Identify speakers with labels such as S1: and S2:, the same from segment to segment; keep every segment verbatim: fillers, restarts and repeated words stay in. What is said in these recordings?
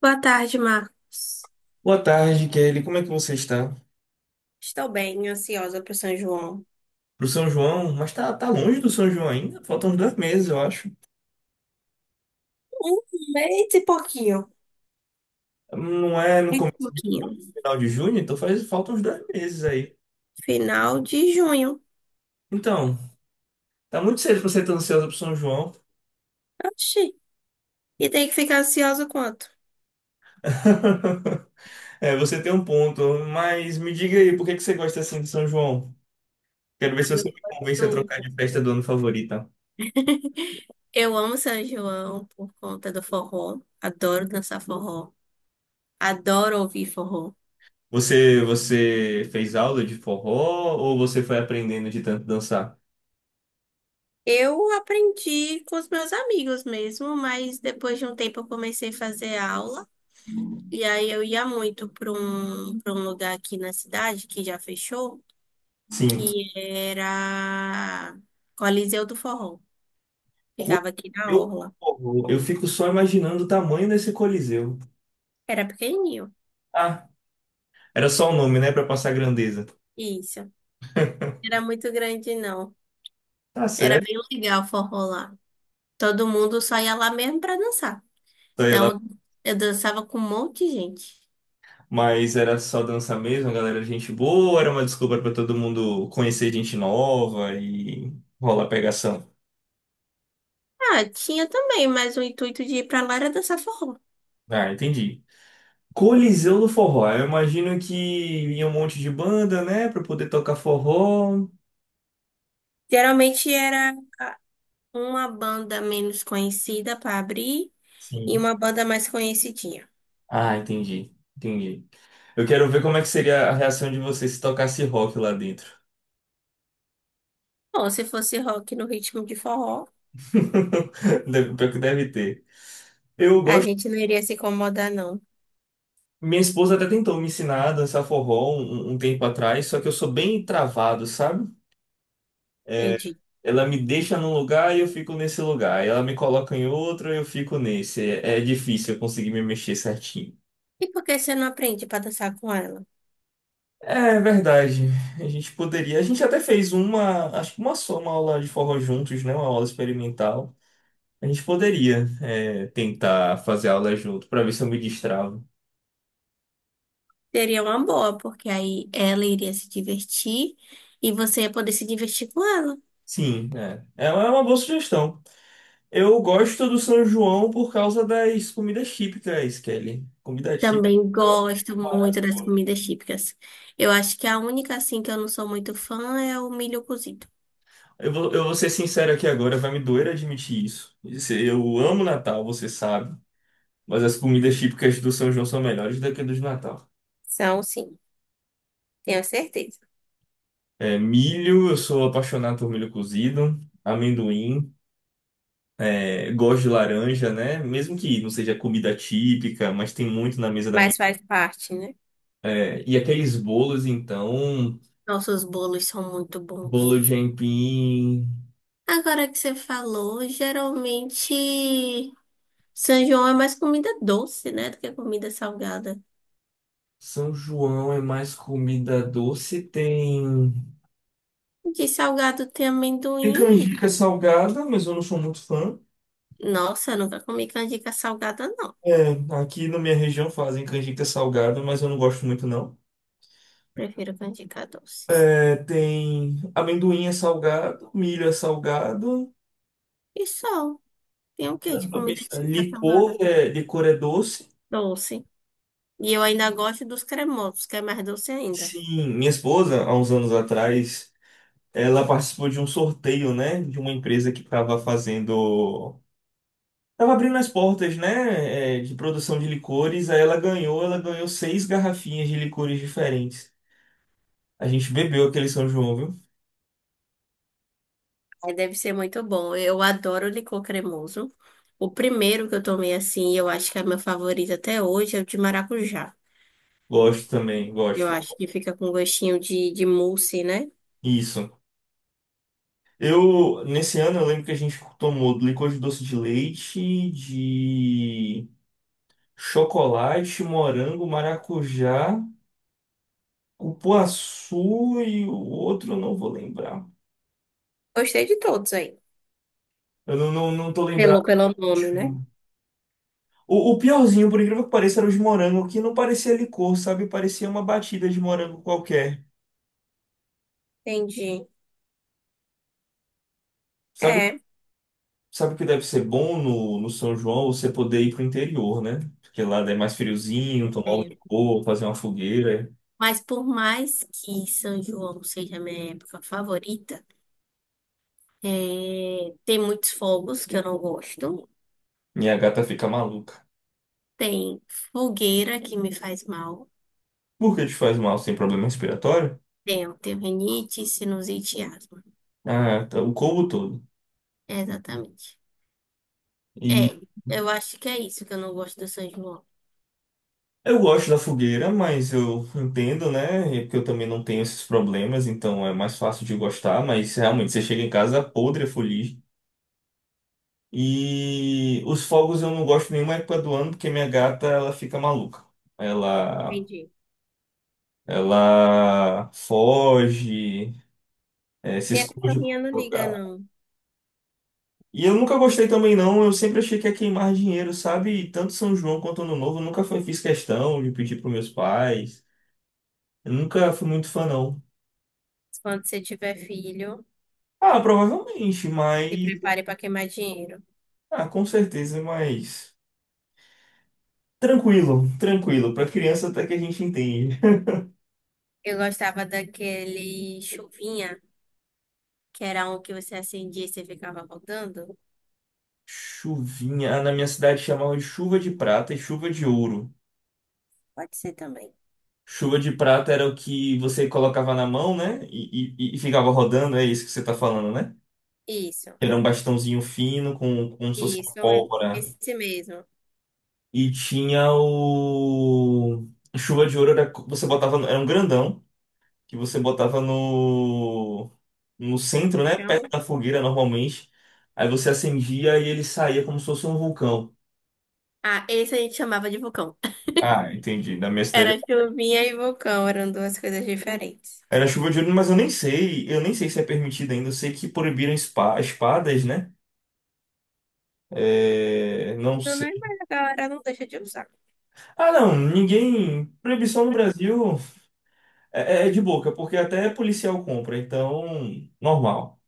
S1: Boa tarde, Marcos.
S2: Boa tarde, Kelly. Como é que você está?
S1: Estou bem, ansiosa para o São João.
S2: Pro São João? Mas tá, tá longe do São João ainda? Faltam uns dois meses, eu acho.
S1: Um mês e pouquinho.
S2: Não é no
S1: É um
S2: começo
S1: pouquinho.
S2: final de junho, então faz, faltam uns dois meses aí.
S1: Final de junho.
S2: Então, tá muito cedo pra você estar ansiosa pro São João.
S1: Oxi. E tem que ficar ansiosa quanto?
S2: É, você tem um ponto. Mas me diga aí, por que que você gosta assim de São João? Quero ver se
S1: Eu,
S2: você me convence a trocar
S1: eu
S2: de festa do ano favorita.
S1: eu amo São João por conta do forró. Adoro dançar forró. Adoro ouvir forró.
S2: Você, você fez aula de forró ou você foi aprendendo de tanto dançar?
S1: Eu aprendi com os meus amigos mesmo, mas depois de um tempo eu comecei a fazer aula. E aí eu ia muito para um, para um lugar aqui na cidade que já fechou.
S2: Sim.
S1: E era Coliseu do Forró.
S2: Coisa-
S1: Ficava aqui na
S2: Eu,
S1: Orla.
S2: eu fico só imaginando o tamanho desse Coliseu.
S1: Era pequenininho.
S2: Ah, era só o nome, né, pra passar grandeza.
S1: Isso. Era muito grande, não.
S2: Tá
S1: Era
S2: certo,
S1: bem legal o forró lá. Todo mundo só ia lá mesmo pra dançar.
S2: sei lá.
S1: Então, eu dançava com um monte de gente.
S2: Mas era só dança mesmo, a galera, era gente boa, era uma desculpa pra todo mundo conhecer gente nova e rolar pegação.
S1: Ah, tinha também, mas o intuito de ir pra lá era dançar forró.
S2: Ah, entendi. Coliseu do Forró. Eu imagino que ia um monte de banda, né, pra poder tocar forró.
S1: Geralmente era uma banda menos conhecida pra abrir e
S2: Sim.
S1: uma banda mais conhecidinha.
S2: Ah, entendi. Entendi. Eu quero ver como é que seria a reação de você se tocasse rock lá dentro.
S1: Bom, se fosse rock no ritmo de forró,
S2: Deve- Pior que deve ter. Eu
S1: a
S2: gosto.
S1: gente não iria se incomodar, não.
S2: Minha esposa até tentou me ensinar a dançar forró um, um um tempo atrás, só que eu sou bem travado, sabe? É,
S1: Entendi.
S2: ela me deixa num lugar e eu fico nesse lugar. Ela me coloca em outro e eu fico nesse. É, é difícil eu conseguir me mexer certinho.
S1: E por que você não aprende para dançar com ela?
S2: É verdade. A gente poderia. A gente até fez uma, acho que uma só, uma aula de forró juntos, né? Uma aula experimental. A gente poderia, é, tentar fazer aula junto para ver se eu me destravo.
S1: Seria uma boa, porque aí ela iria se divertir e você ia poder se divertir com ela.
S2: Sim, é. É uma é uma boa sugestão. Eu gosto do São João por causa das comidas típicas, Kelly. Comida típica.
S1: Também
S2: Eu acho
S1: gosto
S2: mara-
S1: muito das comidas típicas. Eu acho que a única, assim, que eu não sou muito fã é o milho cozido.
S2: eu vou, eu vou ser sincero aqui agora, vai me doer admitir isso. Isso. Eu amo Natal, você sabe, mas as comidas típicas do São João são melhores do que a dos Natal.
S1: São, sim, tenho certeza.
S2: É, milho, eu sou apaixonado por milho cozido, amendoim, é, gosto de laranja, né? Mesmo que não seja comida típica, mas tem muito na mesa da minha.
S1: Mas faz parte, né?
S2: É, e aqueles bolos, então,
S1: Nossos bolos são muito
S2: bolo
S1: bons.
S2: de aipim.
S1: Agora que você falou, geralmente São João é mais comida doce, né, do que comida salgada.
S2: São João é mais comida doce, tem
S1: De salgado tem
S2: tem
S1: amendoim e milho.
S2: canjica salgada, mas eu não sou muito fã.
S1: Nossa, eu nunca comi canjica salgada, não.
S2: É, aqui na minha região fazem canjica salgada, mas eu não gosto muito não.
S1: Prefiro canjica doce.
S2: É, tem amendoim é salgado, milho é salgado,
S1: E só. Tem o que de comida típica
S2: licor
S1: salgada?
S2: é, licor é doce.
S1: Doce. E eu ainda gosto dos cremosos, que é mais doce ainda.
S2: Sim, minha esposa, há uns anos atrás, ela participou de um sorteio, né, de uma empresa que estava fazendo Tava abrindo as portas, né, é, de produção de licores, aí ela ganhou, ela ganhou seis garrafinhas de licores diferentes. A gente bebeu aquele São João, viu?
S1: Aí deve ser muito bom. Eu adoro licor cremoso. O primeiro que eu tomei assim, eu acho que é meu favorito até hoje, é o de maracujá.
S2: Gosto também,
S1: Eu
S2: gosto.
S1: acho que fica com gostinho de, de mousse, né?
S2: Isso. Eu, nesse ano, eu lembro que a gente tomou licor de doce de leite, de chocolate, morango, maracujá, cupuaçu e o outro eu não vou lembrar.
S1: Gostei de todos aí.
S2: Eu não, não, não tô
S1: Pelo,
S2: lembrado.
S1: pelo nome, né?
S2: O, o piorzinho, por incrível que pareça, era os morangos, que não parecia licor, sabe? Parecia uma batida de morango qualquer.
S1: Entendi.
S2: Sabe,
S1: É.
S2: sabe o que deve ser bom no, no São João? Você poder ir pro interior, né? Porque lá é mais friozinho, tomar um
S1: É,
S2: licor, fazer uma fogueira.
S1: mas por mais que São João seja minha época favorita, é, tem muitos fogos que eu não gosto.
S2: Minha gata fica maluca.
S1: Tem fogueira que me faz mal.
S2: Por que te faz mal? Você tem problema respiratório?
S1: Tenho, tenho rinite, sinusite e asma.
S2: Ah, tá, o combo todo.
S1: É, exatamente.
S2: E
S1: É, eu acho que é isso que eu não gosto do São João.
S2: eu gosto da fogueira, mas eu entendo, né? É porque eu também não tenho esses problemas, então é mais fácil de gostar. Mas realmente, você chega em casa podre, feliz. E os fogos eu não gosto nenhuma época do ano porque minha gata ela fica maluca. Ela
S1: Entendi.
S2: ela foge, eh, se
S1: Minha
S2: esconde em
S1: cachorrinha
S2: qualquer
S1: não liga,
S2: lugar.
S1: não.
S2: E eu nunca gostei também não, eu sempre achei que ia queimar dinheiro, sabe? E tanto São João quanto Ano Novo, eu nunca foi, fiz questão de pedir para meus pais. Eu nunca fui muito fã não.
S1: Quando você tiver filho,
S2: Ah, provavelmente,
S1: se
S2: mas
S1: prepare para queimar dinheiro.
S2: ah, com certeza, mas tranquilo, tranquilo, para criança até que a gente entende.
S1: Eu gostava daquele chuvinha, que era um que você acendia e você ficava rodando.
S2: Chuvinha. Ah, na minha cidade chamavam de chuva de prata e chuva de ouro.
S1: Pode ser também.
S2: Chuva de prata era o que você colocava na mão, né? E, e- e ficava rodando, é isso que você tá falando, né?
S1: Isso,
S2: Era um bastãozinho fino, com, como se fosse uma
S1: isso, é
S2: pólvora.
S1: esse mesmo.
S2: E tinha o. Chuva de ouro era. co- Você botava. no- Era um grandão que você botava no. No centro,
S1: No
S2: né? Perto
S1: chão.
S2: da fogueira, normalmente. Aí você acendia e ele saía como se fosse um vulcão.
S1: Ah, esse a gente chamava de vulcão.
S2: Ah, entendi. Na minha
S1: Era
S2: cidade.
S1: chuvinha e vulcão, eram duas coisas diferentes.
S2: Era chuva de ouro, mas eu nem sei, eu nem sei se é permitido ainda. Eu sei que proibiram espa- espadas, né? É, não
S1: Então, né,
S2: sei.
S1: mas a galera não deixa de usar.
S2: Ah, não, ninguém. Proibição no Brasil é, é é de boca, porque até policial compra, então, normal.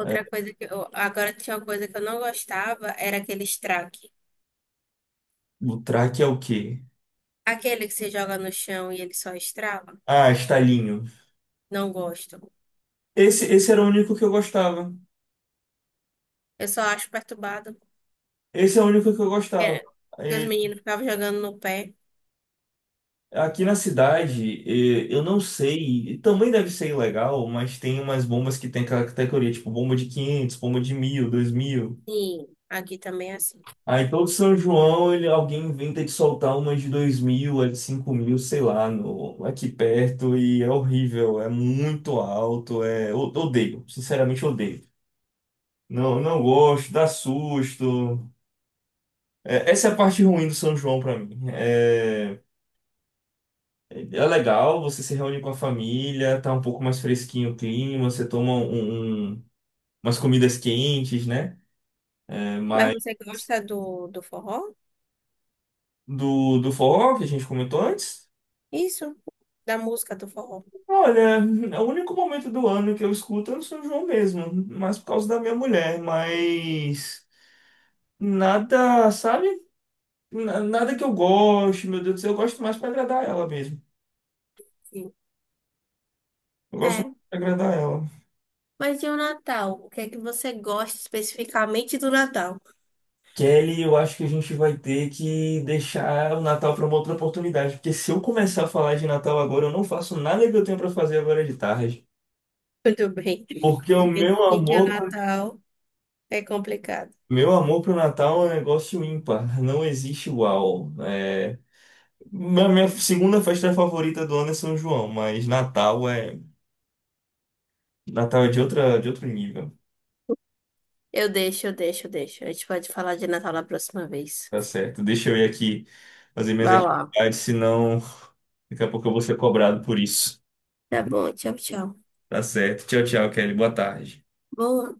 S2: É,
S1: Outra coisa que eu, agora tinha uma coisa que eu não gostava, era aquele estraque.
S2: o track é o quê?
S1: Aquele que você joga no chão e ele só estrala.
S2: Ah, estalinho.
S1: Não gosto.
S2: Esse, esse era o único que eu gostava.
S1: Eu só acho perturbado.
S2: Esse é o único que eu gostava.
S1: É, porque os
S2: E
S1: meninos ficavam jogando no pé.
S2: aqui na cidade, eh, eu não sei, e também deve ser ilegal, mas tem umas bombas que tem aquela categoria, tipo bomba de quinhentos, bomba de mil, dois mil.
S1: Sim, aqui também é assim.
S2: Aí todo São João, ele, alguém inventa de soltar uma de dois mil, a de cinco mil, sei lá, no, aqui perto, e é horrível, é muito alto, é, o- odeio, sinceramente odeio. Não, não gosto, dá susto. É, essa é a parte ruim do São João pra mim. É, é é legal, você se reúne com a família, tá um pouco mais fresquinho o clima, você toma um, um- um, umas comidas quentes, né? É,
S1: Mas
S2: mas
S1: você gosta do, do forró?
S2: do, do forró que a gente comentou antes.
S1: Isso, da música do forró.
S2: Olha, o único momento do ano que eu escuto é o São João mesmo, mas por causa da minha mulher, mas nada, sabe? Na- Nada que eu goste, meu Deus do céu, eu gosto mais pra agradar ela mesmo.
S1: Sim.
S2: Eu gosto mais
S1: É,
S2: pra agradar ela.
S1: mas e o Natal? O que é que você gosta especificamente do Natal?
S2: Kelly, eu acho que a gente vai ter que deixar o Natal pra uma outra oportunidade, porque se eu começar a falar de Natal agora, eu não faço nada que eu tenho pra fazer agora de tarde.
S1: Tudo bem.
S2: Porque o meu
S1: Dividir que o
S2: amor,
S1: Natal é complicado.
S2: meu amor pro Natal é um negócio ímpar, não existe igual. É. Minha, minha segunda festa favorita do ano é São João, mas Natal é Natal é de outra, de outro nível.
S1: Eu deixo, eu deixo, eu deixo. A gente pode falar de Natal na próxima vez.
S2: Tá certo. Deixa eu ir aqui fazer minhas
S1: Vai lá.
S2: atividades, senão daqui a pouco eu vou ser cobrado por isso.
S1: Tá bom, tchau, tchau.
S2: Tá certo. Tchau, tchau, Kelly. Boa tarde.
S1: Boa.